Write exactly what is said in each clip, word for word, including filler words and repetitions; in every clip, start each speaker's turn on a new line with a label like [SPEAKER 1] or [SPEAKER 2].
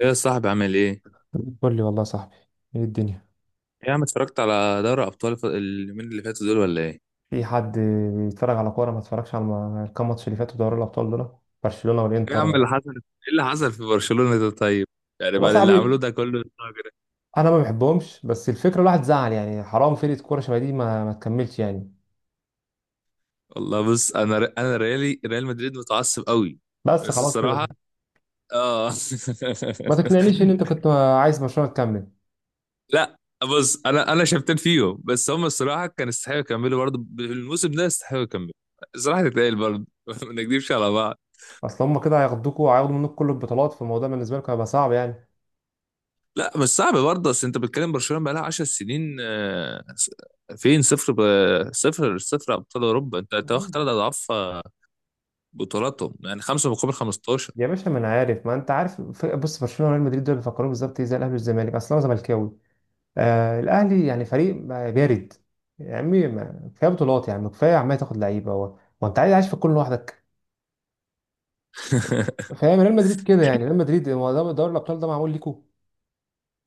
[SPEAKER 1] ايه يا صاحبي، عامل ايه؟ ايه،
[SPEAKER 2] قول لي والله يا صاحبي، ايه الدنيا؟
[SPEAKER 1] يا عم، اتفرجت على دوري ابطال الف- اليومين اللي فاتوا دول ولا ايه؟ ايه،
[SPEAKER 2] في حد بيتفرج على كوره ما اتفرجش على الم- الكام ماتش اللي فاتوا دوري الابطال دول؟ برشلونه
[SPEAKER 1] يا
[SPEAKER 2] والانتر
[SPEAKER 1] عم، اللي
[SPEAKER 2] والله.
[SPEAKER 1] حصل ايه؟ اللي حصل في برشلونة ده طيب؟ يعني
[SPEAKER 2] يا
[SPEAKER 1] بعد اللي عملوه
[SPEAKER 2] صاحبي
[SPEAKER 1] ده كله الراجل ده.
[SPEAKER 2] انا ما بحبهمش، بس الفكره الواحد زعل يعني، حرام فرقه كوره شبه دي ما, ما تكملش يعني.
[SPEAKER 1] والله بص، انا ر... انا ريالي ريال مدريد متعصب قوي،
[SPEAKER 2] بس
[SPEAKER 1] بس
[SPEAKER 2] خلاص
[SPEAKER 1] الصراحة.
[SPEAKER 2] كده.
[SPEAKER 1] اه،
[SPEAKER 2] ما تقنعنيش ان انت كنت عايز برشلونه تكمل.
[SPEAKER 1] لا، بص انا انا شفتين فيهم، بس هم الصراحة كان يستحقوا يكملوا برضه، بالموسم ده يستحقوا يكملوا. الصراحة تتقال برضه. ما نكذبش على بعض.
[SPEAKER 2] اصل هم كده هياخدوكوا وهياخدوا منك كل البطولات، فالموضوع بالنسبه لكم هيبقى صعب يعني.
[SPEAKER 1] لا، مش صعب برضه، بس انت بتتكلم برشلونه بقى لها عشر سنين، آه، س- فين صفر ب... صفر صفر ابطال اوروبا. انت انت واخد ثلاث اضعاف، آه، بطولاتهم يعني خمسة مقابل خمسة عشر.
[SPEAKER 2] يا باشا، ما انا عارف ما انت عارف. ف- بص، برشلونه وريال مدريد دول بيفكروا بالظبط ايه زي الاهلي والزمالك. اصل انا زملكاوي. آه الاهلي يعني فريق ما- بارد. يا عمي، ما- كفايه بطولات يعني، كفايه عمال تاخد لعيبه. هو هو انت عايز عايش في الكون لوحدك؟ فاهم؟ ريال مدريد كده يعني، ريال مدريد، هو ده دوري الابطال ده معمول ليكوا.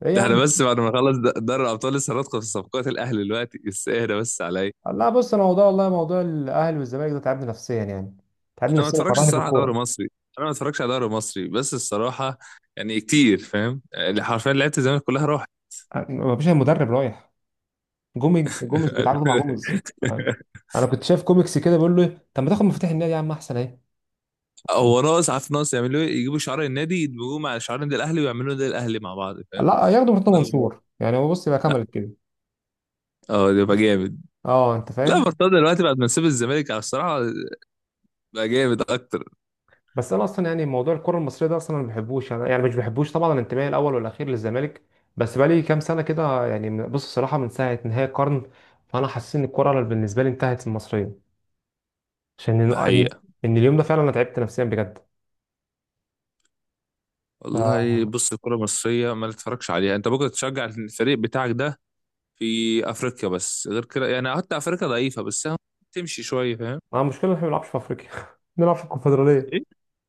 [SPEAKER 2] ايه يا
[SPEAKER 1] ده احنا
[SPEAKER 2] عم!
[SPEAKER 1] بس بعد ما نخلص د- دوري الابطال لسه هندخل في صفقات الاهلي دلوقتي، بس اهدى بس عليا.
[SPEAKER 2] لا بص، انا موضوع والله موضوع الاهلي والزمالك ده تعبني نفسيا يعني. تعبني
[SPEAKER 1] انا ما
[SPEAKER 2] نفسيا
[SPEAKER 1] اتفرجش
[SPEAKER 2] وكرهني في
[SPEAKER 1] الصراحه على دوري
[SPEAKER 2] الكوره.
[SPEAKER 1] مصري، انا ما اتفرجش على دوري مصري بس الصراحه، يعني كتير. فاهم؟ يعني حرفيا لعيبه الزمالك كلها راحت.
[SPEAKER 2] ما فيش المدرب رايح، جوميز، جوميز بيتعاقدوا مع جوميز. انا كنت شايف كوميكس كده بيقول له إيه، طب ما تاخد مفتاح النادي يا عم احسن اهي.
[SPEAKER 1] هو ناقص، عارف ناقص يعملوا ايه؟ يجيبوا شعار النادي يدمجوه مع شعار النادي الاهلي ويعملوا النادي الاهلي مع بعض.
[SPEAKER 2] لا ياخدوا مرتضى
[SPEAKER 1] يلا.
[SPEAKER 2] منصور يعني، هو بص يبقى كملت كده.
[SPEAKER 1] اه، ده بقى جامد.
[SPEAKER 2] اه انت
[SPEAKER 1] لا،
[SPEAKER 2] فاهم.
[SPEAKER 1] مرتضى دلوقتي بعد ما ساب الزمالك على الصراحه بقى جامد اكتر.
[SPEAKER 2] بس انا اصلا يعني موضوع الكره المصريه ده، اصلا انا ما بحبوش، انا يعني مش بحبوش طبعا، الانتماء الاول والاخير للزمالك. بس بقالي كام سنه كده يعني، من- بص الصراحه من ساعه نهايه القرن، فانا حاسس ان الكره بالنسبه لي انتهت المصريه. عشان
[SPEAKER 1] ده
[SPEAKER 2] ان
[SPEAKER 1] حقيقه.
[SPEAKER 2] إن اليوم ده فعلا انا تعبت نفسيا بجد. ف
[SPEAKER 1] والله بص، الكره المصريه ما تتفرجش عليها، انت ممكن تشجع الفريق بتاعك ده في افريقيا بس، غير كده يعني حتى افريقيا ضعيفه بس، أهو تمشي شويه. فاهم؟
[SPEAKER 2] انا مشكله إن احنا ما بنلعبش في افريقيا بنلعب في الكونفدراليه.
[SPEAKER 1] ايه.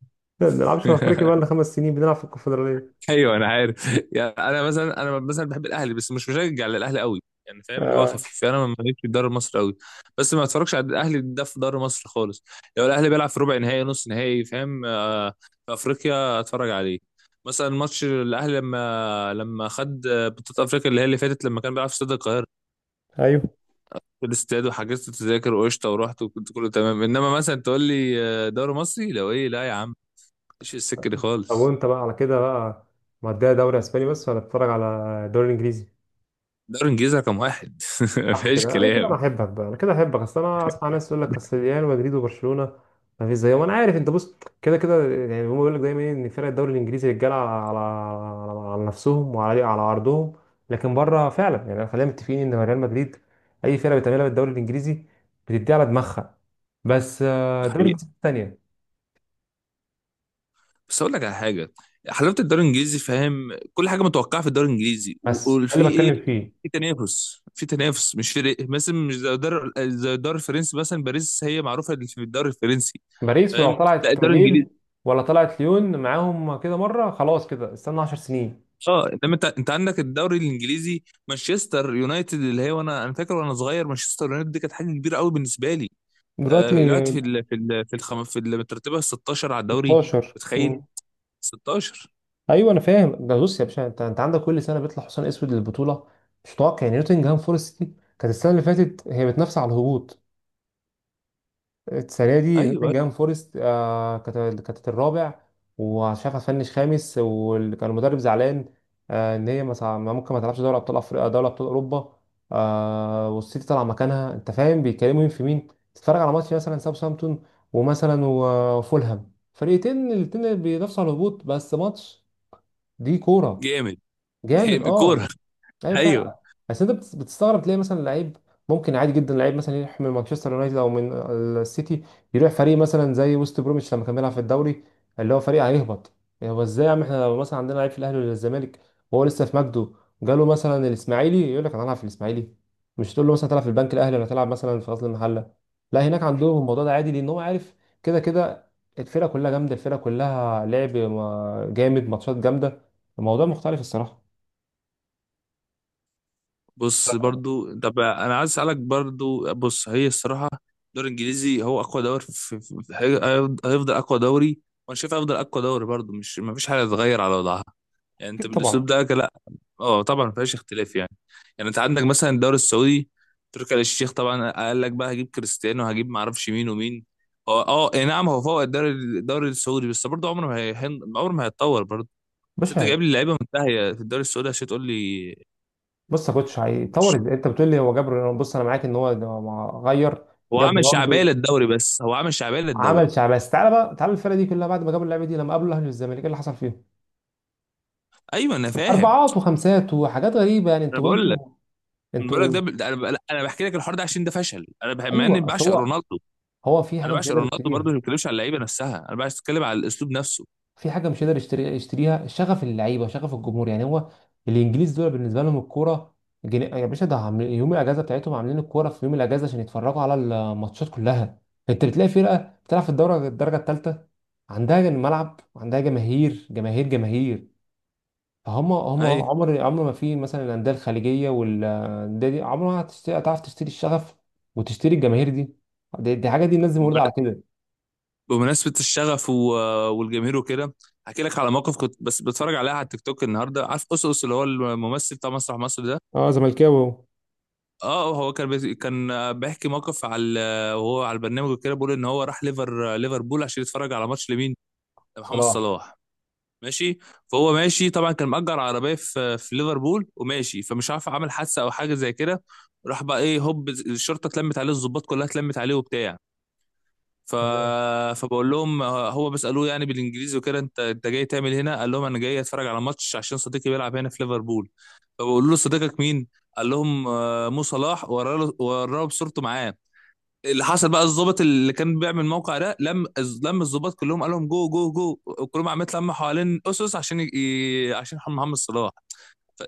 [SPEAKER 2] ما بنلعبش في افريقيا، بقى لنا خمس سنين بنلعب في الكونفدراليه.
[SPEAKER 1] ايوه انا عارف. يعني انا مثلا انا مثلا بحب الاهلي بس مش مشجع للاهلي قوي. يعني فاهم اللي هو
[SPEAKER 2] آه.
[SPEAKER 1] خفيف، يعني انا ماليش في الدوري المصري قوي. بس ما اتفرجش على الاهلي ده في الدوري المصري خالص، لو الاهلي بيلعب في ربع نهائي، نص نهائي، فاهم؟ آه، في افريقيا اتفرج عليه. مثلا ماتش الاهلي لما لما خد بطوله افريقيا اللي هي اللي فاتت، لما كان بيلعب في استاد القاهره،
[SPEAKER 2] ايوه.
[SPEAKER 1] في الاستاد، وحجزت تذاكر وقشطه ورحت وكنت كله تمام. انما مثلا تقول لي آه، دوري مصري لو ايه، لا يا عم، مفيش السكه دي
[SPEAKER 2] طب
[SPEAKER 1] خالص.
[SPEAKER 2] وانت بقى على كده بقى، مديها دوري اسباني بس، ولا بتتفرج على الدوري الانجليزي؟
[SPEAKER 1] دوري انجليزي رقم واحد.
[SPEAKER 2] صح
[SPEAKER 1] مفيش
[SPEAKER 2] كده، انا كده
[SPEAKER 1] كلام.
[SPEAKER 2] انا احبك بقى، انا كده احبك. اصل انا اسمع ناس يقول لك اصل ريال مدريد وبرشلونه ما فيش زيهم. انا عارف، انت بص، كده كده يعني هم بيقول لك دايما إيه، ان فرق الدوري الانجليزي رجاله على, على, على على نفسهم وعلى على عرضهم، لكن بره فعلا يعني خلينا متفقين ان ريال مدريد اي فرقه بتعملها بالدوري الانجليزي بتدي على دماغها. بس آه،
[SPEAKER 1] ده
[SPEAKER 2] الدوري
[SPEAKER 1] حقيقة.
[SPEAKER 2] الانجليزي الثانيه.
[SPEAKER 1] بس اقول لك على حاجه، حلاوه الدوري الانجليزي، فاهم؟ كل حاجه متوقعه في الدوري الانجليزي، و-
[SPEAKER 2] بس ده
[SPEAKER 1] وفي
[SPEAKER 2] اللي
[SPEAKER 1] ايه،
[SPEAKER 2] بتكلم فيه.
[SPEAKER 1] في تنافس، في تنافس، مش فرق مثلا، مش زي الدوري زي الدوري الفرنسي، مثلا باريس هي معروفه اللي في الدوري الفرنسي،
[SPEAKER 2] باريس ولو
[SPEAKER 1] فاهم؟ لا،
[SPEAKER 2] طلعت
[SPEAKER 1] الدوري الانجليزي،
[SPEAKER 2] ليل ولا طلعت ليون معاهم كده مره خلاص كده استنى 10 سنين.
[SPEAKER 1] اه. انما انت انت عندك الدوري الانجليزي، مانشستر يونايتد، اللي هي وانا انا فاكر وانا صغير مانشستر يونايتد دي كانت حاجه كبيره قوي بالنسبه لي. آه،
[SPEAKER 2] دلوقتي؟
[SPEAKER 1] دلوقتي في ال في ال في الخم في المترتبه السادسة عشر على الدوري،
[SPEAKER 2] ستاشر.
[SPEAKER 1] متخيل؟ ستاشر،
[SPEAKER 2] ايوه انا فاهم ده. بص يا باشا، انت انت عندك كل سنه بيطلع حصان اسود للبطوله، مش متوقع يعني. نوتنجهام فورست دي كانت السنه اللي فاتت هي بتنافس على الهبوط، السنه دي
[SPEAKER 1] ايوه.
[SPEAKER 2] نوتنجهام فورست آه كانت كانت الرابع، ومش عارف هتفنش خامس، وكان المدرب زعلان آه ان هي مثلا ممكن ما تلعبش دوري ابطال افريقيا، دوري ابطال اوروبا آه، والسيتي طالع مكانها. انت فاهم بيتكلموا مين في مين؟ تتفرج على ماتش مثلا ساوثهامبتون ومثلا وفولهام، فريقين الاتنين بينافسوا على الهبوط، بس ماتش دي كوره
[SPEAKER 1] جامد،
[SPEAKER 2] جامد.
[SPEAKER 1] جامد
[SPEAKER 2] اه
[SPEAKER 1] كوره.
[SPEAKER 2] ايوه فعلا.
[SPEAKER 1] ايوه.
[SPEAKER 2] بس انت بتس- بتستغرب تلاقي مثلا لعيب، ممكن عادي جدا لعيب مثلا يروح من مانشستر يونايتد او من السيتي، يروح فريق مثلا زي وست بروميتش لما كان بيلعب في الدوري، اللي هو فريق هيهبط. يعني هو ازاي؟ يا عم احنا لو مثلا عندنا لعيب في الاهلي ولا الزمالك وهو لسه في مجده، جاله مثلا الاسماعيلي، يقول لك انا هلعب في الاسماعيلي؟ مش تقول له مثلا تلعب في البنك الاهلي ولا تلعب مثلا في غزل المحله. لا هناك عندهم الموضوع ده عادي، لان هو عارف كده كده الفرقه كلها جامده، الفرقه كلها لعب ما- جامد، ماتشات جامده. الموضوع مختلف الصراحه.
[SPEAKER 1] بص برضو، طب انا عايز اسالك برضو، بص هي الصراحه، الدوري الانجليزي هو اقوى دوري في... في... هي- هيفضل اقوى دوري، وانا شايف هيفضل اقوى دوري برضو، مش ما فيش حاجه تتغير على وضعها، يعني انت
[SPEAKER 2] اكيد طبعا.
[SPEAKER 1] بالاسلوب ده، لا، اه طبعا ما فيهاش اختلاف يعني. يعني انت عندك مثلا الدوري السعودي، تركي آل الشيخ طبعا قال لك بقى هجيب كريستيانو، هجيب ما اعرفش مين ومين، هو اه اي نعم، هو فوق الدوري الدوري السعودي بس برضه عمره ما هي... عمره ما هيتطور برضه. بس
[SPEAKER 2] مش
[SPEAKER 1] انت
[SPEAKER 2] هي-
[SPEAKER 1] جايب لي لعيبه منتهيه في الدوري السعودي عشان تقول لي،
[SPEAKER 2] بص يا كوتش، هيطور
[SPEAKER 1] مش
[SPEAKER 2] ازاي؟ انت بتقول لي هو جاب رونالدو، بص انا معاك ان هو ده ما غير.
[SPEAKER 1] هو
[SPEAKER 2] جاب
[SPEAKER 1] عامل شعبيه
[SPEAKER 2] رونالدو
[SPEAKER 1] للدوري، بس هو عامل شعبيه
[SPEAKER 2] عمل
[SPEAKER 1] للدوري.
[SPEAKER 2] شعب، بس تعالى بقى، تعالى الفرقه دي كلها بعد ما جابوا اللعيبه دي لما قابلوا اهلي والزمالك، ايه اللي حصل فيهم؟
[SPEAKER 1] ايوه انا فاهم.
[SPEAKER 2] اربعات وخمسات وحاجات غريبه يعني.
[SPEAKER 1] انا
[SPEAKER 2] انتوا،
[SPEAKER 1] بقول لك
[SPEAKER 2] انتوا،
[SPEAKER 1] انا بقول لك
[SPEAKER 2] انتوا.
[SPEAKER 1] ده ب... ده انا ب... انا بحكي لك الحوار ده عشان ده فشل، انا بح... مع اني
[SPEAKER 2] ايوه اصل
[SPEAKER 1] بعشق
[SPEAKER 2] هو،
[SPEAKER 1] رونالدو.
[SPEAKER 2] هو في
[SPEAKER 1] انا
[SPEAKER 2] حاجه مش
[SPEAKER 1] بعشق
[SPEAKER 2] هيقدر
[SPEAKER 1] رونالدو برضه،
[SPEAKER 2] يشتريها.
[SPEAKER 1] ما بتكلمش على اللعيبه نفسها، انا بتكلم على الاسلوب نفسه.
[SPEAKER 2] في حاجه مش قادر يشتري يشتريها، شغف اللعيبه، شغف الجمهور، يعني هو الانجليز دول بالنسبه لهم الكوره جن... يا باشا ده عامل- يوم الاجازه بتاعتهم عاملين الكوره في يوم الاجازه عشان يتفرجوا على الماتشات كلها. انت بتلاقي فرقه بتلعب في الدوره الدرجه الثالثه عندها جن- ملعب وعندها جماهير جماهير جماهير. فهم هم
[SPEAKER 1] اي،
[SPEAKER 2] عمر عمر ما، في مثلا الانديه الخليجيه والانديه دي عمرها ما هتشتري- هتعرف تشتري الشغف وتشتري الجماهير دي. دي, دي حاجه، دي الناس دي مولوده على
[SPEAKER 1] بمن-
[SPEAKER 2] كده.
[SPEAKER 1] بمناسبه الشغف و... والجماهير وكده. هحكي لك على موقف، كنت بس بتفرج عليها على التيك توك النهارده، عارف اس اس اللي هو الممثل بتاع مسرح مصر ده،
[SPEAKER 2] اه زملكاوي أهو.
[SPEAKER 1] اه. هو كان بي... كان بيحكي موقف، على وهو على البرنامج وكده، بيقول ان هو راح ليفر ليفربول عشان يتفرج على ماتش لمين؟ لمحمد
[SPEAKER 2] صلاح.
[SPEAKER 1] صلاح. ماشي، فهو ماشي طبعا، كان مأجر عربيه في في ليفربول، وماشي، فمش عارف عمل حادثه او حاجه زي كده. راح بقى ايه، هوب الشرطه اتلمت عليه، الضباط كلها اتلمت عليه وبتاع. ف...
[SPEAKER 2] تمام.
[SPEAKER 1] فبقول لهم، هو بيسالوه يعني بالانجليزي وكده، انت انت جاي تعمل هنا؟ قال لهم انا جاي اتفرج على ماتش عشان صديقي بيلعب هنا في ليفربول. فبقول له صديقك مين؟ قال لهم آه، مو صلاح، وراله وراه بصورته معاه. اللي حصل بقى، الضابط اللي كان بيعمل الموقع ده لم الز- لم الضباط كلهم، قال لهم جو جو جو، وكلهم عمال يتلموا حوالين اسس عشان ي... ي- عشان محمد صلاح.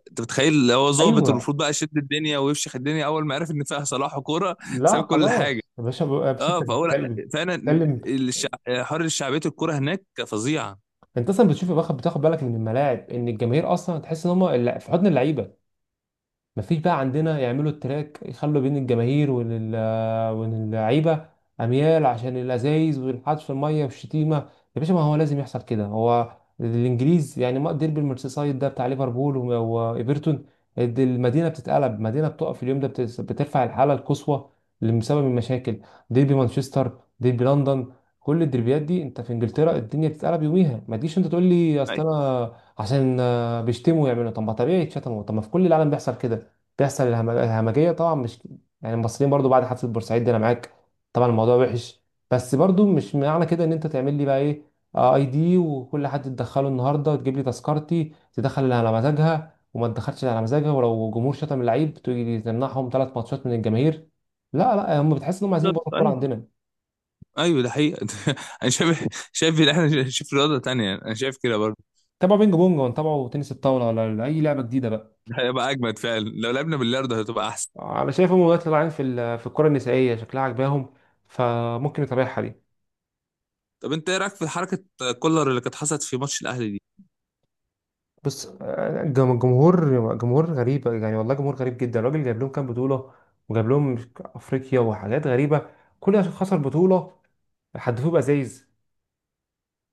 [SPEAKER 1] انت متخيل، هو ضابط
[SPEAKER 2] ايوه.
[SPEAKER 1] والمفروض بقى يشد الدنيا ويفشخ الدنيا، اول ما عرف ان فيها صلاح وكوره
[SPEAKER 2] لا
[SPEAKER 1] ساب كل حاجه.
[SPEAKER 2] خلاص يا باشا، يا باشا انت
[SPEAKER 1] اه، فهو لا،
[SPEAKER 2] بتتكلم،
[SPEAKER 1] فعلا
[SPEAKER 2] بتتكلم،
[SPEAKER 1] الشع... حر شعبيه الكوره هناك فظيعه.
[SPEAKER 2] انت اصلا بتشوف يا بخت بتاخد بالك من الملاعب ان الجماهير اصلا تحس ان هم اللع- في حضن اللعيبه. مفيش بقى عندنا، يعملوا التراك يخلوا بين الجماهير وال- واللعيبة أميال عشان الأزايز والحدف في المية والشتيمة. يا باشا ما هو لازم يحصل كده، هو الإنجليز يعني، ما ديربي المرسيسايد ده بتاع ليفربول و- وإيفرتون، الد- المدينة بتتقلب، مدينة بتقف اليوم ده، بتس- بترفع الحالة القصوى اللي بسبب المشاكل. ديربي مانشستر، ديربي لندن، كل الدربيات دي انت في انجلترا الدنيا بتتقلب يوميها. ما تجيش انت تقول لي اصل انا عشان آه، بيشتموا يعملوا. طب ما طبيعي يتشتموا، طب ما في كل العالم بيحصل كده. بيحصل الهم- الهمجيه طبعا، مش يعني المصريين برضو بعد حفله بورسعيد دي انا معاك طبعا الموضوع وحش، بس برضو مش معنى كده ان انت تعمل لي بقى ايه آه، اي دي، وكل حد تدخله النهارده وتجيب لي تذكرتي، تدخل اللي على مزاجها وما تدخلش اللي على مزاجها، ولو جمهور شتم اللعيب تيجي تمنعهم ثلاث ماتشات من الجماهير. لا لا، هم بتحس انهم عايزين
[SPEAKER 1] بالظبط،
[SPEAKER 2] يبطلوا الكوره
[SPEAKER 1] ايوه.
[SPEAKER 2] عندنا.
[SPEAKER 1] ايوه ده حقيقه. انا شايف شايف ان احنا نشوف رياضه تانية، انا شايف كده برضه.
[SPEAKER 2] تابعوا بينج بونج، وتابعوا تنس الطاوله، ولا اي لعبه جديده بقى.
[SPEAKER 1] ده هيبقى اجمد فعلا، لو لعبنا بالياردو هتبقى احسن.
[SPEAKER 2] انا شايف هم دلوقتي طالعين في ال- في الكره النسائيه شكلها عجباهم، فممكن يتابعها دي.
[SPEAKER 1] طب انت ايه رايك في حركه كولر اللي كانت حصلت في ماتش الاهلي دي؟
[SPEAKER 2] بص آه، جم- جمهور، جمهور غريب يعني والله، جمهور غريب جدا. الراجل جايب لهم كام بطولة، وجاب لهم افريقيا وحاجات غريبة، كل عشان خسر بطولة حدفوه بأزايز.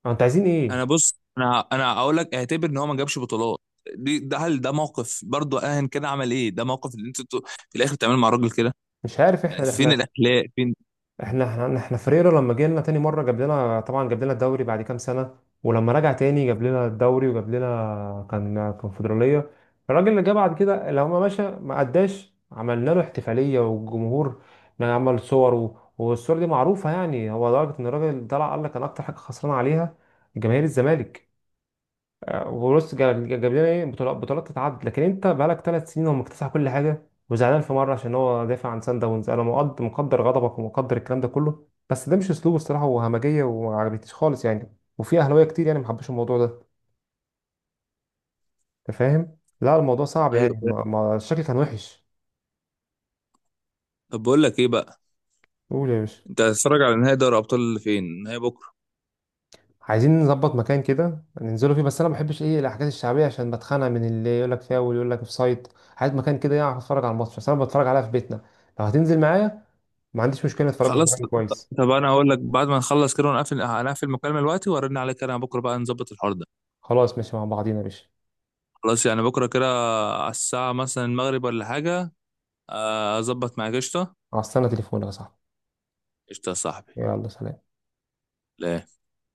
[SPEAKER 2] أه، انتوا عايزين
[SPEAKER 1] انا
[SPEAKER 2] ايه؟
[SPEAKER 1] بص، انا انا اقول لك اعتبر ان هو ما جابش بطولات، دي ده، هل ده موقف برضه؟ اهن كده عمل ايه؟ ده موقف اللي انتوا في الاخر بتعملوا مع الراجل كده،
[SPEAKER 2] مش عارف.
[SPEAKER 1] يعني
[SPEAKER 2] احنا
[SPEAKER 1] فين
[SPEAKER 2] احنا
[SPEAKER 1] الاخلاق؟ فين؟
[SPEAKER 2] احنا احنا احنا فريرة لما جينا تاني مرة جاب لنا طبعا، جاب لنا الدوري بعد كام سنة، ولما رجع تاني جاب لنا الدوري وجاب لنا كان كونفدرالية. الراجل اللي جه بعد كده لما مشى، ما قداش عملنا له احتفالية، والجمهور عمل صور و- والصور دي معروفة يعني، هو لدرجة ان الراجل طلع قال لك انا اكتر حاجة خسران عليها جماهير الزمالك. وبص جاب جاب لنا ايه بطولات، بطولات تتعد، لكن انت بقالك ثلاث سنين هو مكتسح كل حاجه، وزعلان في مره عشان هو دافع عن سان داونز. انا مقدر، مقدر غضبك ومقدر الكلام ده كله، بس ده مش اسلوبه الصراحه، وهمجيه، وما عجبتنيش خالص يعني، وفي اهلاويه كتير يعني ما حبوش الموضوع ده. انت فاهم؟ لا الموضوع صعب
[SPEAKER 1] ايوه
[SPEAKER 2] يعني
[SPEAKER 1] فين.
[SPEAKER 2] ما ما- الشكل كان وحش.
[SPEAKER 1] طب بقول لك ايه بقى،
[SPEAKER 2] قول يا باشا.
[SPEAKER 1] انت هتتفرج على نهائي دوري ابطال، اللي فين نهائي بكره؟
[SPEAKER 2] عايزين نظبط مكان كده ننزلوا فيه، بس انا ما بحبش ايه الحاجات الشعبيه عشان بتخانق من اللي يقول لك فاول، يقول لك اوف سايد. عايز مكان كده يعرف اتفرج على الماتش، بس انا بتفرج عليها في بيتنا. لو هتنزل معايا ما عنديش مشكله، نتفرجوا في
[SPEAKER 1] خلاص.
[SPEAKER 2] مكان كويس.
[SPEAKER 1] طب انا هقول لك، بعد ما نخلص كده ونقفل هنقفل المكالمه دلوقتي، وارن عليك انا بكره بقى نظبط الحوار ده.
[SPEAKER 2] خلاص ماشي مع بعضينا يا باشا.
[SPEAKER 1] خلاص يعني بكره كده، على الساعه مثلا المغرب ولا حاجه؟ آه، اظبط معاك، قشطه.
[SPEAKER 2] على السنه تليفونك يا صاحبي.
[SPEAKER 1] قشطه يا صاحبي.
[SPEAKER 2] يلا سلام.
[SPEAKER 1] لا.